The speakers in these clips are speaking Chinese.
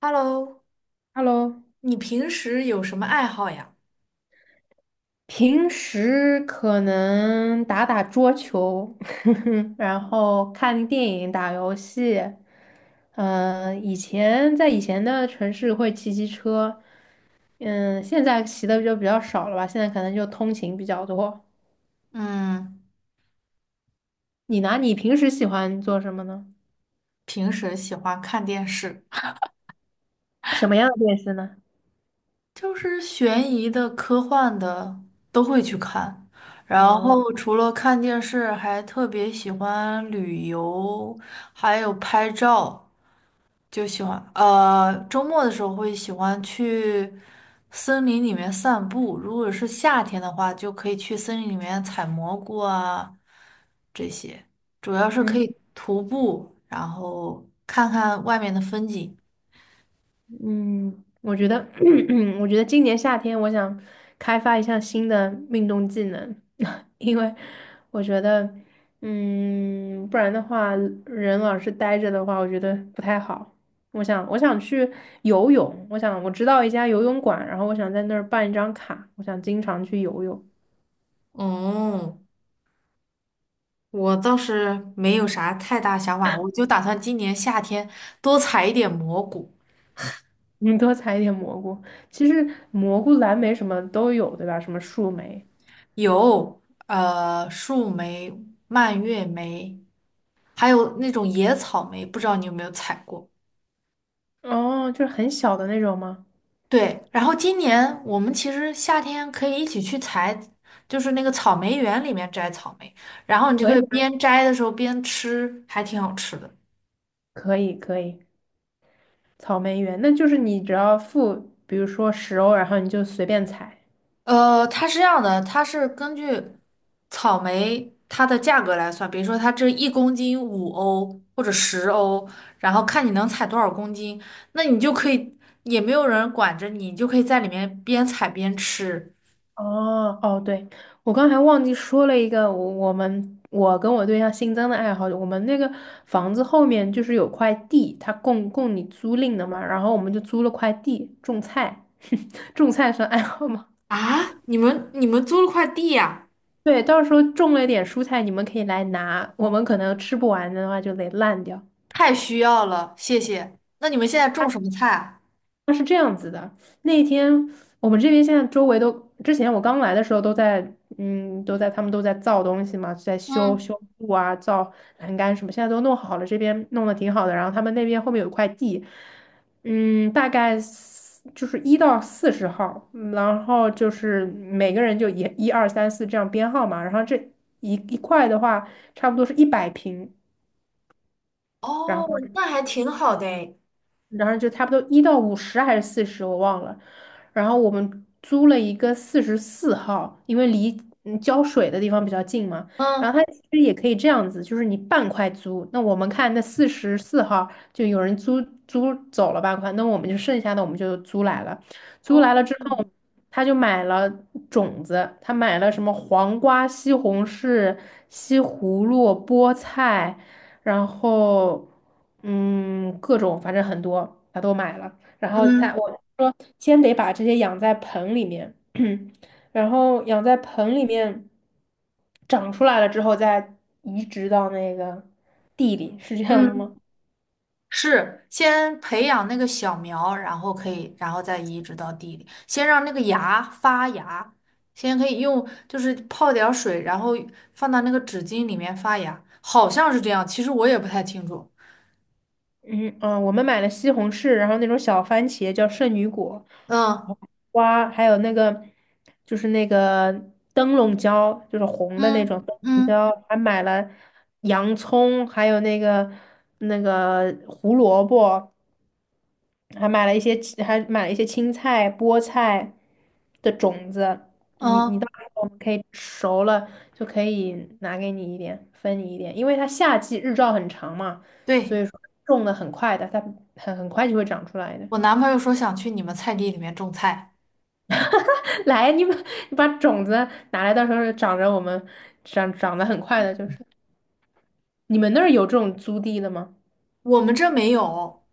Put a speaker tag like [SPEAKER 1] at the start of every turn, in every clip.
[SPEAKER 1] Hello，
[SPEAKER 2] Hello，
[SPEAKER 1] 你平时有什么爱好呀？
[SPEAKER 2] 平时可能打打桌球，然后看电影、打游戏。以前在以前的城市会骑骑车，现在骑的就比较少了吧，现在可能就通勤比较多。
[SPEAKER 1] 嗯，
[SPEAKER 2] 你呢？你平时喜欢做什么呢？
[SPEAKER 1] 平时喜欢看电视，
[SPEAKER 2] 什么样的电视呢？
[SPEAKER 1] 就是悬疑的、科幻的都会去看。然
[SPEAKER 2] 嗯
[SPEAKER 1] 后除了看电视，还特别喜欢旅游，还有拍照，就喜欢。周末的时候会喜欢去森林里面散步。如果是夏天的话，就可以去森林里面采蘑菇啊，这些，主要是可以徒步，然后看看外面的风景。
[SPEAKER 2] 嗯，我觉得，我觉得今年夏天我想开发一项新的运动技能，因为我觉得，不然的话，人老是呆着的话，我觉得不太好。我想去游泳，我想我知道一家游泳馆，然后我想在那儿办一张卡，我想经常去游泳。
[SPEAKER 1] 哦，我倒是没有啥太大想法，我就打算今年夏天多采一点蘑菇，
[SPEAKER 2] 你多采一点蘑菇，其实蘑菇、蓝莓什么都有，对吧？什么树莓，
[SPEAKER 1] 有树莓、蔓越莓，还有那种野草莓，不知道你有没有采过？
[SPEAKER 2] 哦，就是很小的那种吗？
[SPEAKER 1] 对，然后今年我们其实夏天可以一起去采，就是那个草莓园里面摘草莓，然后你就
[SPEAKER 2] 可
[SPEAKER 1] 可以
[SPEAKER 2] 以啊，
[SPEAKER 1] 边摘的时候边吃，还挺好吃的。
[SPEAKER 2] 可以，可以。草莓园，那就是你只要付，比如说10欧，然后你就随便采。
[SPEAKER 1] 它是这样的，它是根据草莓它的价格来算，比如说它这1公斤5欧或者10欧，然后看你能采多少公斤，那你就可以，也没有人管着你，你就可以在里面边采边吃。
[SPEAKER 2] 哦哦，对，我刚才忘记说了一个，我跟我对象新增的爱好，我们那个房子后面就是有块地，它供你租赁的嘛，然后我们就租了块地种菜，种菜算爱好吗？
[SPEAKER 1] 啊，你们租了块地呀？
[SPEAKER 2] 对，到时候种了一点蔬菜，你们可以来拿，我们可能吃不完的话就得烂掉。
[SPEAKER 1] 太需要了，谢谢。那你们现在种什么菜啊？
[SPEAKER 2] 它是这样子的，那一天我们这边现在周围都，之前我刚来的时候都在，他们都在造东西嘛，在修
[SPEAKER 1] 嗯，
[SPEAKER 2] 修路啊，造栏杆什么，现在都弄好了，这边弄得挺好的。然后他们那边后面有一块地，大概就是1到40号，然后就是每个人就一一二三四这样编号嘛。然后这一块的话，差不多是一百平，然
[SPEAKER 1] 哦，
[SPEAKER 2] 后。
[SPEAKER 1] 那还挺好的诶。
[SPEAKER 2] 然后就差不多1到50还是40，我忘了。然后我们租了一个四十四号，因为离浇水的地方比较近嘛。
[SPEAKER 1] 嗯，
[SPEAKER 2] 然后它其实也可以这样子，就是你半块租，那我们看那四十四号就有人租走了半块，那我们就剩下的我们就租来了。租
[SPEAKER 1] 哦，
[SPEAKER 2] 来了之后，他就买了种子，他买了什么黄瓜、西红柿、西葫芦、菠菜。然后各种反正很多，他都买了。然后他
[SPEAKER 1] 嗯。
[SPEAKER 2] 我说先得把这些养在盆里面，然后养在盆里面长出来了之后再移植到那个地里，是这样的
[SPEAKER 1] 嗯。
[SPEAKER 2] 吗？
[SPEAKER 1] 是先培养那个小苗，然后可以，然后再移植到地里，先让那个芽发芽，先可以用就是泡点儿水，然后放到那个纸巾里面发芽，好像是这样，其实我也不太清楚。
[SPEAKER 2] 嗯嗯，我们买了西红柿，然后那种小番茄叫圣女果
[SPEAKER 1] 嗯
[SPEAKER 2] 瓜，还有那个灯笼椒，就是红的那
[SPEAKER 1] 嗯
[SPEAKER 2] 种灯笼
[SPEAKER 1] 嗯
[SPEAKER 2] 椒，还买了洋葱，还有那个胡萝卜，还买了一些青菜、菠菜的种子。你到
[SPEAKER 1] 嗯，
[SPEAKER 2] 时候我们可以熟了就可以拿给你一点，分你一点，因为它夏季日照很长嘛，所
[SPEAKER 1] 对，
[SPEAKER 2] 以说种的很快的，它很快就会长出来的。
[SPEAKER 1] 我男朋友说想去你们菜地里面种菜。
[SPEAKER 2] 来，你把种子拿来，到时候长着我们长得很快的，就是。你们那儿有这种租地的吗？
[SPEAKER 1] 我们这没有，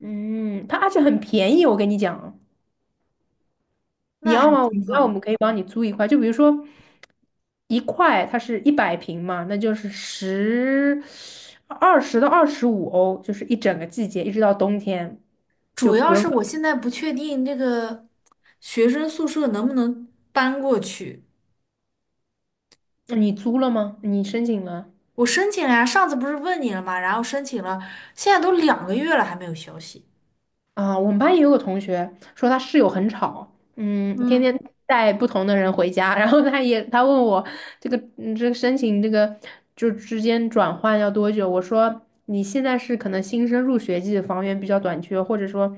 [SPEAKER 2] 嗯，它而且很便宜，我跟你讲。你
[SPEAKER 1] 那
[SPEAKER 2] 要
[SPEAKER 1] 还
[SPEAKER 2] 吗？
[SPEAKER 1] 挺
[SPEAKER 2] 那我
[SPEAKER 1] 好。
[SPEAKER 2] 们可以帮你租一块，就比如说一块，它是一百平嘛，那就是20到25欧，就是一整个季节，一直到冬天，就
[SPEAKER 1] 主
[SPEAKER 2] 不
[SPEAKER 1] 要是我
[SPEAKER 2] 用。
[SPEAKER 1] 现在不确定这个学生宿舍能不能搬过去。
[SPEAKER 2] 你租了吗？你申请了？
[SPEAKER 1] 我申请了呀，上次不是问你了吗？然后申请了，现在都两个月了还没有消息。
[SPEAKER 2] 啊，我们班也有个同学说他室友很吵，天
[SPEAKER 1] 嗯，
[SPEAKER 2] 天带不同的人回家，然后他问我这个申请这个就之间转换要多久？我说你现在是可能新生入学季房源比较短缺，或者说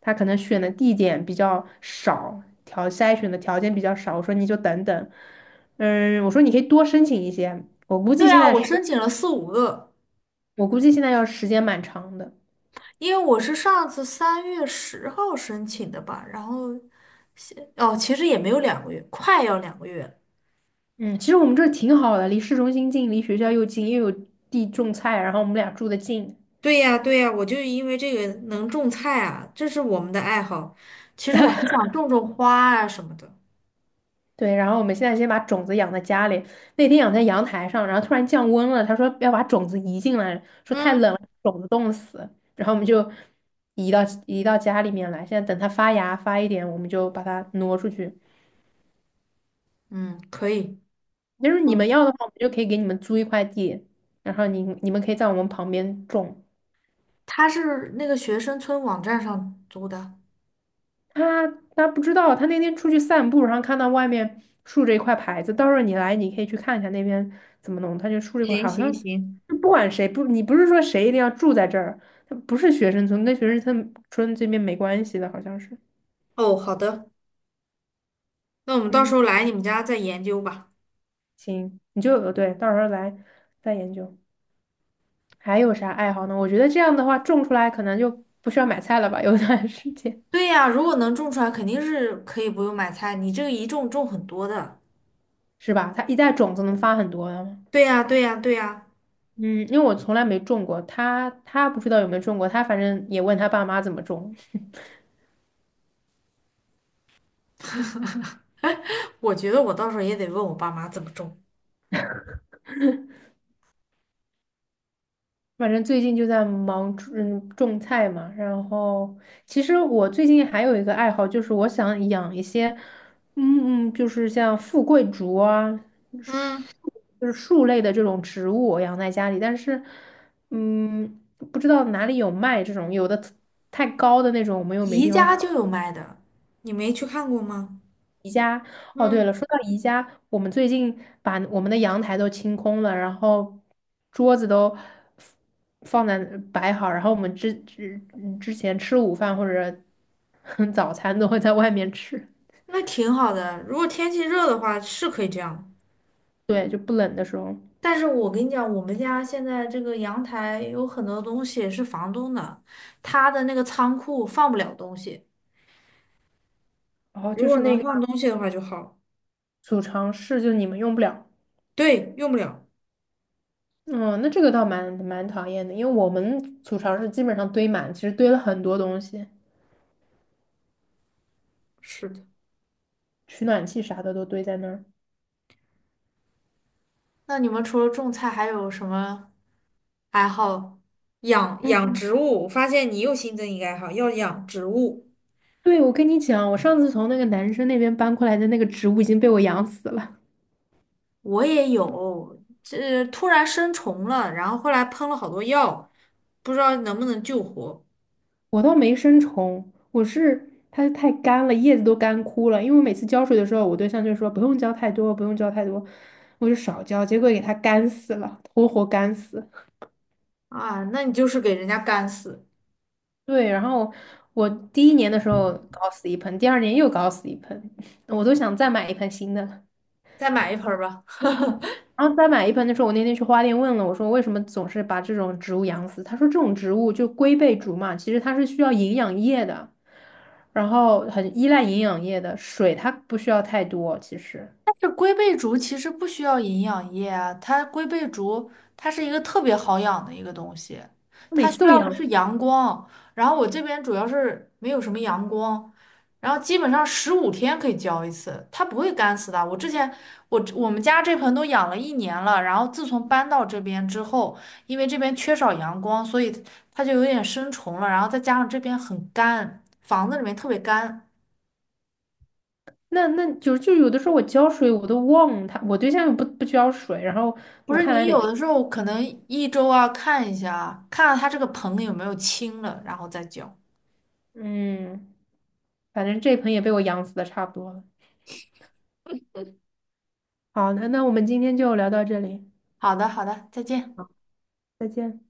[SPEAKER 2] 他可能选的地点比较少，筛选的条件比较少，我说你就等等，我说你可以多申请一些，
[SPEAKER 1] 对啊，我申请了四五个，
[SPEAKER 2] 我估计现在要时间蛮长的。
[SPEAKER 1] 因为我是上次3月10号申请的吧，然后哦，其实也没有两个月，快要两个月了。
[SPEAKER 2] 嗯，其实我们这儿挺好的，离市中心近，离学校又近，又有地种菜，然后我们俩住的近。
[SPEAKER 1] 对呀，对呀，我就是因为这个能种菜啊，这是我们的爱好。其实我还想种种花啊什么的。
[SPEAKER 2] 对，然后我们现在先把种子养在家里。那天养在阳台上，然后突然降温了，他说要把种子移进来，说太
[SPEAKER 1] 嗯，
[SPEAKER 2] 冷了，种子冻死。然后我们就移到移到家里面来。现在等它发芽发一点，我们就把它挪出去。
[SPEAKER 1] 嗯，可以。
[SPEAKER 2] 就是你们要的话，我们就可以给你们租一块地，然后你们可以在我们旁边种。
[SPEAKER 1] 他是那个学生村网站上租的。
[SPEAKER 2] 他他不知道，他那天出去散步，然后看到外面竖着一块牌子，到时候你来，你可以去看一下那边怎么弄。他就竖了一块，
[SPEAKER 1] 行
[SPEAKER 2] 好
[SPEAKER 1] 行
[SPEAKER 2] 像
[SPEAKER 1] 行，
[SPEAKER 2] 就不管谁不，你不是说谁一定要住在这儿，他不是学生村，跟学生村这边没关系的，好像是。
[SPEAKER 1] 哦，好的。那我们到时
[SPEAKER 2] 嗯，
[SPEAKER 1] 候来你们家再研究吧。
[SPEAKER 2] 行，你就对，到时候来再研究。还有啥爱好呢？我觉得这样的话，种出来可能就不需要买菜了吧，有段时间
[SPEAKER 1] 对呀，如果能种出来，肯定是可以不用买菜。你这个一种种很多的，
[SPEAKER 2] 是吧？它一袋种子能发很多的。
[SPEAKER 1] 对呀，对呀，对呀。
[SPEAKER 2] 嗯，因为我从来没种过，他不知道有没有种过，他反正也问他爸妈怎么种，
[SPEAKER 1] 我觉得我到时候也得问我爸妈怎么种。
[SPEAKER 2] 反正最近就在忙种菜嘛。然后其实我最近还有一个爱好，就是我想养一些，就是像富贵竹啊，
[SPEAKER 1] 嗯，
[SPEAKER 2] 树就是树类的这种植物，我养在家里，但是嗯，不知道哪里有卖这种，太高的那种，我们又没
[SPEAKER 1] 宜
[SPEAKER 2] 地
[SPEAKER 1] 家
[SPEAKER 2] 方
[SPEAKER 1] 就有卖的，你没去看过吗？
[SPEAKER 2] 哦，对
[SPEAKER 1] 嗯，
[SPEAKER 2] 了，说到宜家，我们最近把我们的阳台都清空了，然后桌子都放在摆好，然后我们之前吃午饭或者 早餐都会在外面吃
[SPEAKER 1] 那挺好的。如果天气热的话，是可以这样。
[SPEAKER 2] 的时候，
[SPEAKER 1] 但是我跟你讲，我们家现在这个阳台有很多东西是房东的，他的那个仓库放不了东西。
[SPEAKER 2] 然后
[SPEAKER 1] 如
[SPEAKER 2] 就
[SPEAKER 1] 果
[SPEAKER 2] 是那
[SPEAKER 1] 能
[SPEAKER 2] 个
[SPEAKER 1] 放东西的话就好。
[SPEAKER 2] 储藏室，就你们用不了。
[SPEAKER 1] 对，用不了。
[SPEAKER 2] 嗯，那这个倒蛮讨厌的，因为我们储藏室基本上堆满，其实堆了很多东西，
[SPEAKER 1] 是的。
[SPEAKER 2] 取暖器啥的都堆在那儿。
[SPEAKER 1] 那你们除了种菜，还有什么爱好？养养
[SPEAKER 2] 嗯，
[SPEAKER 1] 植物，我发现你又新增一个爱好，要养植物。
[SPEAKER 2] 对，我跟你讲，我上次从那个男生那边搬过来的那个植物已经被我养死了。
[SPEAKER 1] 我也有，这突然生虫了，然后后来喷了好多药，不知道能不能救活。
[SPEAKER 2] 我倒没生虫，我是它太干了，叶子都干枯了。因为我每次浇水的时候，我对象就说不用浇太多，不用浇太多，我就少浇，结果给它干死了，活活干死。
[SPEAKER 1] 啊，那你就是给人家干死。
[SPEAKER 2] 对，然后我第一年的时候搞死一盆，第二年又搞死一盆，我都想再买一盆新的了
[SPEAKER 1] 再买一盆儿吧。
[SPEAKER 2] 然后再买一盆的时候，我那天去花店问了，我说为什么总是把这种植物养死？他说这种植物就龟背竹嘛，其实它是需要营养液的，然后很依赖营养液的，水它不需要太多。其实
[SPEAKER 1] 这龟背竹其实不需要营养液啊，它龟背竹它是一个特别好养的一个东西，
[SPEAKER 2] 每
[SPEAKER 1] 它需
[SPEAKER 2] 次都
[SPEAKER 1] 要的
[SPEAKER 2] 养，
[SPEAKER 1] 是阳光。然后我这边主要是没有什么阳光，然后基本上15天可以浇一次，它不会干死的。我之前我们家这盆都养了1年了，然后自从搬到这边之后，因为这边缺少阳光，所以它就有点生虫了，然后再加上这边很干，房子里面特别干。
[SPEAKER 2] 那就有的时候我浇水我都忘了它，我对象又不浇水，然后
[SPEAKER 1] 不
[SPEAKER 2] 我
[SPEAKER 1] 是
[SPEAKER 2] 看来
[SPEAKER 1] 你
[SPEAKER 2] 得，
[SPEAKER 1] 有的时候可能1周啊看一下啊，看看它这个硼有没有清了，然后再浇。
[SPEAKER 2] 嗯，反正这盆也被我养死的差不多了。好，那我们今天就聊到这里，
[SPEAKER 1] 好的，好的，再见。
[SPEAKER 2] 再见。